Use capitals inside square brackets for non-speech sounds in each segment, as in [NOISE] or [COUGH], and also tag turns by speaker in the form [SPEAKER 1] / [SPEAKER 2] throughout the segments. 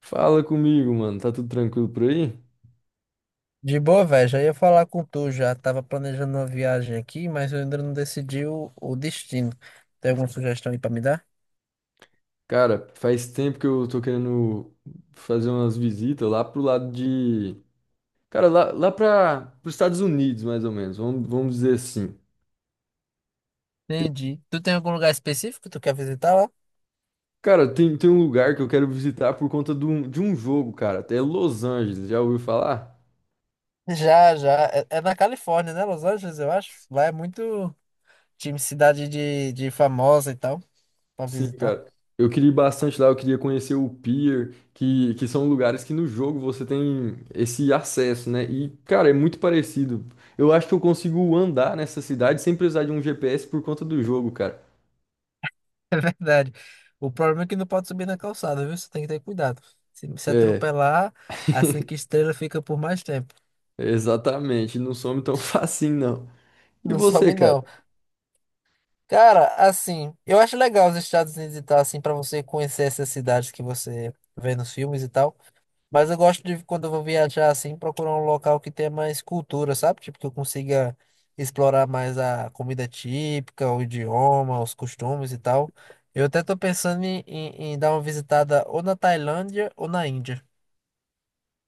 [SPEAKER 1] Fala comigo, mano. Tá tudo tranquilo por aí?
[SPEAKER 2] De boa, velho. Já ia falar com tu já. Tava planejando uma viagem aqui, mas eu ainda não decidi o destino. Tem alguma sugestão aí pra me dar?
[SPEAKER 1] Cara, faz tempo que eu tô querendo fazer umas visitas lá pro lado de. Cara, lá para os Estados Unidos, mais ou menos. Vamos dizer assim.
[SPEAKER 2] Entendi. Tu tem algum lugar específico que tu quer visitar lá?
[SPEAKER 1] Cara, tem um lugar que eu quero visitar por conta de um jogo, cara. Até Los Angeles. Já ouviu falar?
[SPEAKER 2] Já, já. É na Califórnia, né? Los Angeles, eu acho. Lá é muito time cidade de famosa e tal. Para
[SPEAKER 1] Sim,
[SPEAKER 2] visitar.
[SPEAKER 1] cara.
[SPEAKER 2] [LAUGHS]
[SPEAKER 1] Eu queria ir bastante lá, eu queria conhecer o Pier, que são lugares que no jogo você tem esse acesso, né? E, cara, é muito parecido. Eu acho que eu consigo andar nessa cidade sem precisar de um GPS por conta do jogo, cara.
[SPEAKER 2] Verdade. O problema é que não pode subir na calçada, viu? Você tem que ter cuidado. Se
[SPEAKER 1] É,
[SPEAKER 2] atropelar, a cinco estrelas fica por mais tempo.
[SPEAKER 1] exatamente. Não some tão [LAUGHS] facinho, não. E
[SPEAKER 2] Não
[SPEAKER 1] você,
[SPEAKER 2] some,
[SPEAKER 1] cara?
[SPEAKER 2] não. Cara, assim, eu acho legal os Estados Unidos e tal, assim, pra você conhecer essas cidades que você vê nos filmes e tal. Mas eu gosto de, quando eu vou viajar assim, procurar um local que tenha mais cultura, sabe? Tipo, que eu consiga explorar mais a comida típica, o idioma, os costumes e tal. Eu até tô pensando em dar uma visitada ou na Tailândia ou na Índia.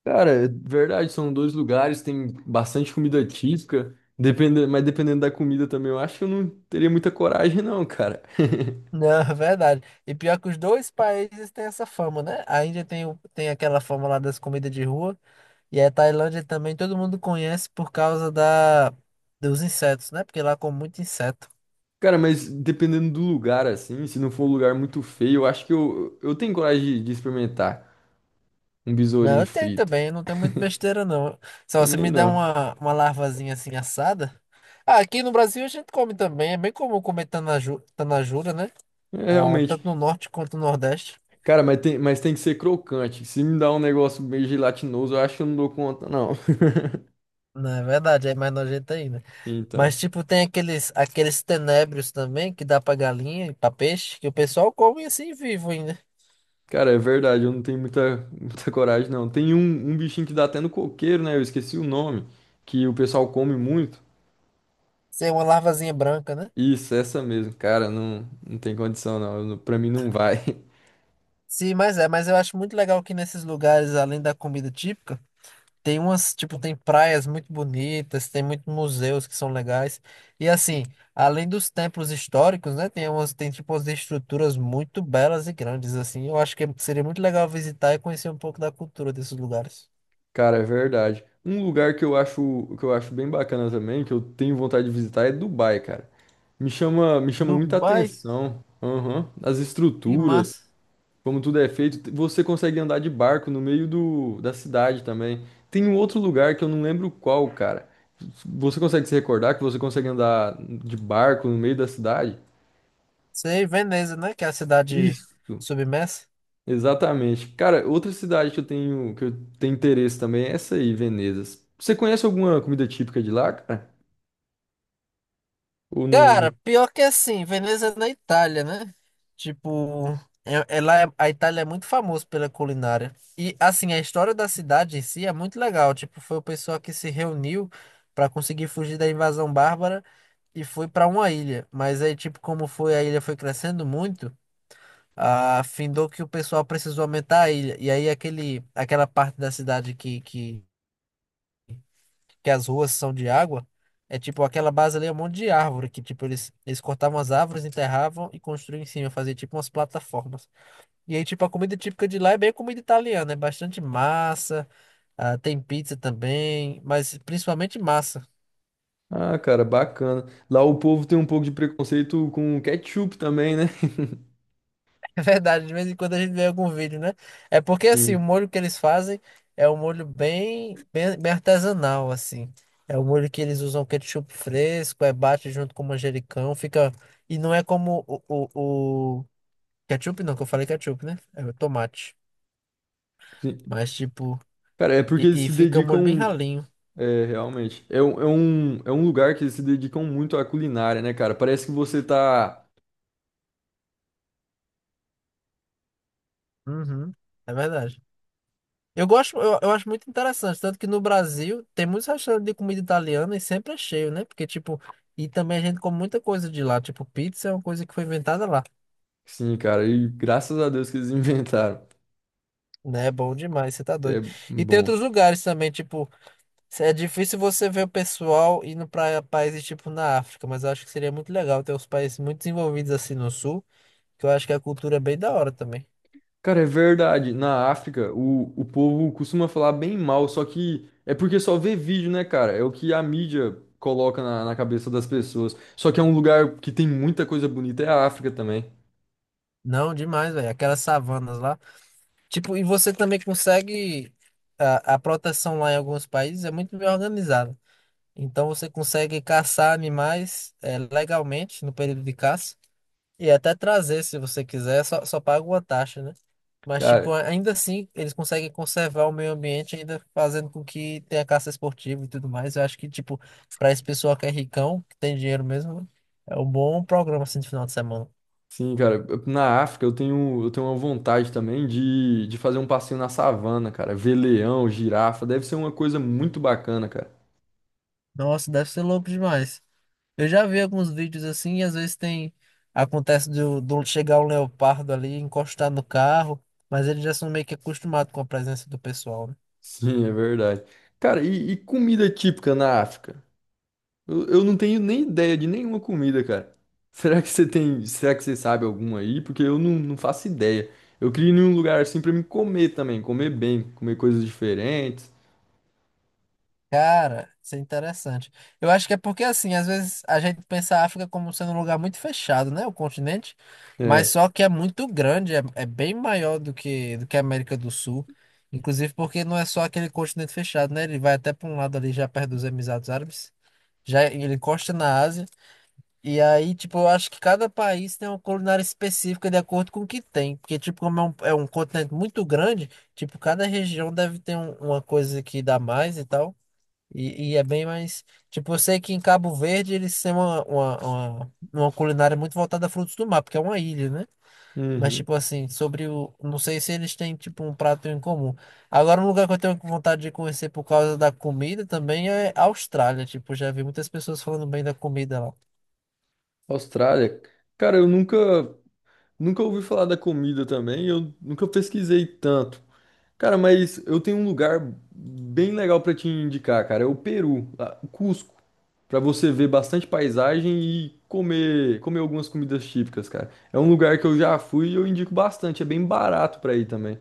[SPEAKER 1] Cara, é verdade, são dois lugares, tem bastante comida típica, depende, mas dependendo da comida também, eu acho que eu não teria muita coragem, não, cara.
[SPEAKER 2] [LAUGHS]
[SPEAKER 1] [LAUGHS]
[SPEAKER 2] Não, é verdade. E pior que os dois países têm essa fama, né? A Índia tem, tem aquela fama lá das comidas de rua, e a Tailândia também todo mundo conhece por causa dos insetos, né? Porque lá come muito inseto.
[SPEAKER 1] Cara, mas dependendo do lugar, assim, se não for um lugar muito feio, eu acho que eu tenho coragem de experimentar um
[SPEAKER 2] Não,
[SPEAKER 1] besourinho
[SPEAKER 2] eu tenho
[SPEAKER 1] frito.
[SPEAKER 2] também, não tem muito
[SPEAKER 1] [LAUGHS]
[SPEAKER 2] besteira não. Se você
[SPEAKER 1] Também
[SPEAKER 2] me der
[SPEAKER 1] não.
[SPEAKER 2] uma larvazinha assim assada. Ah, aqui no Brasil a gente come também, é bem comum comer tanaju, tanajura, né?
[SPEAKER 1] É
[SPEAKER 2] Ah,
[SPEAKER 1] realmente.
[SPEAKER 2] tanto no norte quanto no nordeste.
[SPEAKER 1] Cara, mas tem que ser crocante. Se me dá um negócio meio gelatinoso, eu acho que eu não dou conta, não. [LAUGHS]
[SPEAKER 2] Não, é verdade, é mais nojento ainda. Mas
[SPEAKER 1] Então.
[SPEAKER 2] tipo, tem aqueles, aqueles tenébrios também que dá pra galinha e pra peixe, que o pessoal come assim vivo ainda.
[SPEAKER 1] Cara, é verdade, eu não tenho muita coragem, não. Tem um bichinho que dá até no coqueiro, né? Eu esqueci o nome, que o pessoal come muito.
[SPEAKER 2] Sem uma larvazinha branca, né?
[SPEAKER 1] Isso, essa mesmo. Cara, não tem condição, não. Eu não- Pra mim não vai. [LAUGHS]
[SPEAKER 2] Sim, mas é, mas eu acho muito legal que nesses lugares, além da comida típica. Tem umas, tipo, tem praias muito bonitas, tem muitos museus que são legais. E assim, além dos templos históricos, né, tem umas, tem tipo umas estruturas muito belas e grandes assim. Eu acho que seria muito legal visitar e conhecer um pouco da cultura desses lugares.
[SPEAKER 1] Cara, é verdade. Um lugar que eu acho bem bacana também, que eu tenho vontade de visitar, é Dubai, cara. Me chama muita
[SPEAKER 2] Dubai,
[SPEAKER 1] atenção. Aham. As
[SPEAKER 2] que
[SPEAKER 1] estruturas,
[SPEAKER 2] massa.
[SPEAKER 1] como tudo é feito. Você consegue andar de barco no meio do, da cidade também. Tem um outro lugar que eu não lembro qual, cara. Você consegue se recordar que você consegue andar de barco no meio da cidade?
[SPEAKER 2] Sei, Veneza, né, que é a cidade
[SPEAKER 1] Isso.
[SPEAKER 2] submersa.
[SPEAKER 1] Exatamente. Cara, outra cidade que eu tenho interesse também é essa aí, Veneza. Você conhece alguma comida típica de lá, cara? Ou não?
[SPEAKER 2] Cara, pior que é assim, Veneza é na Itália, né? Tipo, é, é lá, a Itália é muito famosa pela culinária. E assim, a história da cidade em si é muito legal. Tipo, foi o pessoal que se reuniu pra conseguir fugir da invasão bárbara e foi pra uma ilha. Mas aí, tipo, como foi a ilha foi crescendo muito, ah, findou que o pessoal precisou aumentar a ilha. E aí aquele, aquela parte da cidade que as ruas são de água, é tipo aquela base ali é um monte de árvore que tipo eles cortavam as árvores, enterravam e construíam em cima, fazia tipo umas plataformas. E aí tipo a comida típica de lá é bem comida italiana, é bastante massa, ah, tem pizza também, mas principalmente massa. [LAUGHS]
[SPEAKER 1] Ah, cara, bacana. Lá o povo tem um pouco de preconceito com ketchup também, né?
[SPEAKER 2] É verdade, de vez em quando a gente vê algum vídeo, né? É porque
[SPEAKER 1] [LAUGHS]
[SPEAKER 2] assim, o
[SPEAKER 1] Sim,
[SPEAKER 2] molho que eles fazem é um molho bem artesanal assim. É o molho que eles usam ketchup fresco, é bate junto com manjericão, fica e não é como o- ketchup não, que eu falei ketchup, né? É o tomate.
[SPEAKER 1] sim.
[SPEAKER 2] Mas, tipo,
[SPEAKER 1] Cara, é porque
[SPEAKER 2] e,
[SPEAKER 1] eles
[SPEAKER 2] e
[SPEAKER 1] se
[SPEAKER 2] fica um molho bem
[SPEAKER 1] dedicam.
[SPEAKER 2] ralinho.
[SPEAKER 1] É, realmente. É, um- é um, é um lugar que eles se dedicam muito à culinária, né, cara? Parece que você tá.
[SPEAKER 2] Uhum, é verdade. Eu gosto, eu acho muito interessante. Tanto que no Brasil tem muitos restaurantes de comida italiana e sempre é cheio, né? Porque, tipo, e também a gente come muita coisa de lá. Tipo, pizza é uma coisa que foi inventada lá.
[SPEAKER 1] Sim, cara, e graças a Deus que eles [LAUGHS] inventaram.
[SPEAKER 2] Né? É bom demais, você tá
[SPEAKER 1] É
[SPEAKER 2] doido. E tem
[SPEAKER 1] bom.
[SPEAKER 2] outros lugares também, tipo, é difícil você ver o pessoal indo pra países, tipo, na África, mas eu acho que seria muito legal ter os países muito desenvolvidos assim no sul, que eu acho que a cultura é bem da hora também.
[SPEAKER 1] Cara, é verdade. Na África, o povo costuma falar bem mal, só que é porque só vê vídeo, né, cara? É o que a mídia coloca na, na cabeça das pessoas. Só que é um lugar que tem muita coisa bonita, é a África também.
[SPEAKER 2] Não, demais, velho. Aquelas savanas lá. Tipo, e você também consegue. A proteção lá em alguns países é muito bem organizada. Então você consegue caçar animais legalmente no período de caça. E até trazer, se você quiser, só paga uma taxa, né? Mas, tipo,
[SPEAKER 1] Cara,
[SPEAKER 2] ainda assim, eles conseguem conservar o meio ambiente, ainda fazendo com que tenha caça esportiva e tudo mais. Eu acho que, tipo, pra esse pessoal que é ricão, que tem dinheiro mesmo, é um bom programa assim de final de semana.
[SPEAKER 1] sim, cara. Na África, eu tenho uma vontade também de fazer um passeio na savana, cara. Ver leão, girafa, deve ser uma coisa muito bacana, cara.
[SPEAKER 2] Nossa, deve ser louco demais. Eu já vi alguns vídeos assim, e às vezes tem. Acontece do chegar um leopardo ali, encostar no carro, mas eles já são meio que acostumados com a presença do pessoal, né?
[SPEAKER 1] Sim, é verdade. Cara, e comida típica na África? Eu não tenho nem ideia de nenhuma comida, cara. Será que você tem, será que você sabe alguma aí? Porque eu não faço ideia. Eu queria ir num lugar assim pra me comer também, comer bem, comer coisas diferentes.
[SPEAKER 2] Cara, isso é interessante. Eu acho que é porque, assim, às vezes a gente pensa a África como sendo um lugar muito fechado, né? O continente. Mas
[SPEAKER 1] É.
[SPEAKER 2] só que é muito grande, é, é bem maior do que a América do Sul. Inclusive porque não é só aquele continente fechado, né? Ele vai até para um lado ali, já perto dos Emirados Árabes. Já ele encosta na Ásia. E aí, tipo, eu acho que cada país tem uma culinária específica de acordo com o que tem. Porque, tipo, como é é um continente muito grande, tipo, cada região deve ter uma coisa que dá mais e tal. E é bem mais. Tipo, eu sei que em Cabo Verde eles têm uma culinária muito voltada a frutos do mar, porque é uma ilha, né? Mas,
[SPEAKER 1] Uhum.
[SPEAKER 2] tipo assim, sobre o. Não sei se eles têm, tipo, um prato em comum. Agora, um lugar que eu tenho vontade de conhecer por causa da comida também é a Austrália. Tipo, já vi muitas pessoas falando bem da comida lá.
[SPEAKER 1] Austrália. Cara, eu nunca ouvi falar da comida também, eu nunca pesquisei tanto. Cara, mas eu tenho um lugar bem legal pra te indicar, cara. É o Peru, lá, o Cusco. Pra você ver bastante paisagem e comer, comer algumas comidas típicas, cara. É um lugar que eu já fui e eu indico bastante, é bem barato pra ir também.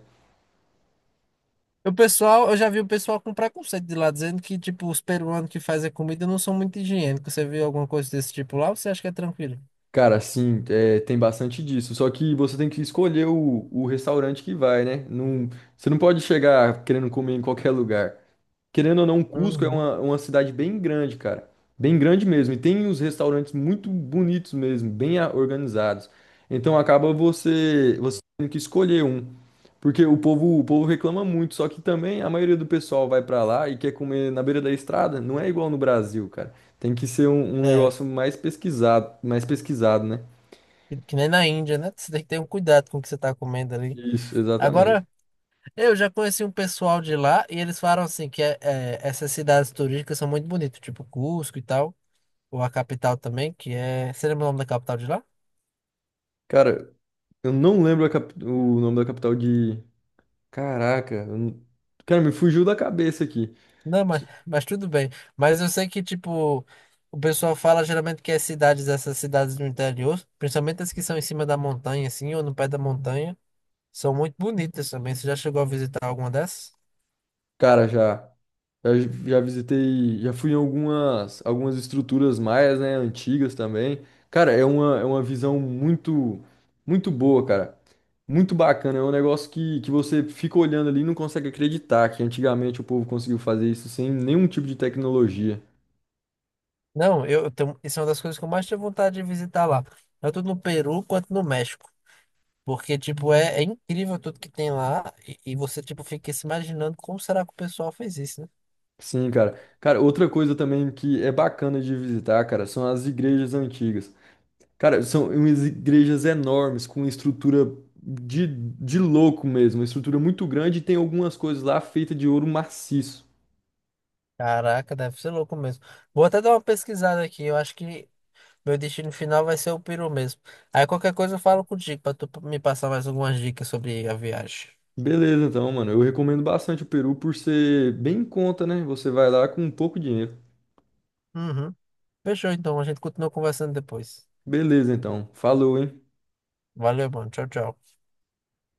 [SPEAKER 2] O pessoal, eu já vi o pessoal com preconceito de lá, dizendo que, tipo, os peruanos que fazem comida não são muito higiênicos. Você viu alguma coisa desse tipo lá ou você acha que é tranquilo?
[SPEAKER 1] Cara, sim, é, tem bastante disso. Só que você tem que escolher o restaurante que vai, né? Não, você não pode chegar querendo comer em qualquer lugar. Querendo ou não, Cusco é
[SPEAKER 2] Uhum.
[SPEAKER 1] uma cidade bem grande, cara. Bem grande mesmo. E tem uns restaurantes muito bonitos mesmo, bem a- organizados. Então acaba você tendo que escolher um. Porque o povo reclama muito, só que também a maioria do pessoal vai pra lá e quer comer na beira da estrada, não é igual no Brasil, cara. Tem que ser um
[SPEAKER 2] É.
[SPEAKER 1] negócio mais pesquisado, né?
[SPEAKER 2] Que nem na Índia, né? Você tem que ter um cuidado com o que você está comendo ali.
[SPEAKER 1] Isso,
[SPEAKER 2] Agora,
[SPEAKER 1] exatamente.
[SPEAKER 2] eu já conheci um pessoal de lá e eles falaram assim que essas cidades turísticas são muito bonitas, tipo Cusco e tal, ou a capital também, que é. Você lembra o nome da capital de lá?
[SPEAKER 1] Cara, eu não lembro a cap- o nome da capital de. Caraca, eu não- cara, me fugiu da cabeça aqui.
[SPEAKER 2] Não, mas tudo bem. Mas eu sei que, tipo, o pessoal fala geralmente que as cidades, essas cidades do interior, principalmente as que são em cima da montanha, assim, ou no pé da montanha, são muito bonitas também. Você já chegou a visitar alguma dessas?
[SPEAKER 1] Cara, já. Já, já visitei, já fui em algumas, algumas estruturas maias, né, antigas também. Cara, é uma visão muito, muito boa, cara. Muito bacana. É um negócio que você fica olhando ali e não consegue acreditar que antigamente o povo conseguiu fazer isso sem nenhum tipo de tecnologia.
[SPEAKER 2] Não, eu tenho, isso é uma das coisas que eu mais tenho vontade de visitar lá. Tanto no Peru quanto no México. Porque, tipo, é, é incrível tudo que tem lá. E você, tipo, fica se imaginando como será que o pessoal fez isso, né?
[SPEAKER 1] Sim, cara. Cara, outra coisa também que é bacana de visitar, cara, são as igrejas antigas. Cara, são umas igrejas enormes, com estrutura de louco mesmo, uma estrutura muito grande e tem algumas coisas lá feitas de ouro maciço.
[SPEAKER 2] Caraca, deve ser louco mesmo. Vou até dar uma pesquisada aqui. Eu acho que meu destino final vai ser o Peru mesmo. Aí qualquer coisa eu falo contigo pra tu me passar mais algumas dicas sobre a viagem.
[SPEAKER 1] Beleza, então, mano, eu recomendo bastante o Peru por ser bem em conta, né? Você vai lá com um pouco de dinheiro.
[SPEAKER 2] Uhum. Fechou, então. A gente continua conversando depois.
[SPEAKER 1] Beleza, então. Falou, hein?
[SPEAKER 2] Valeu, mano. Tchau, tchau.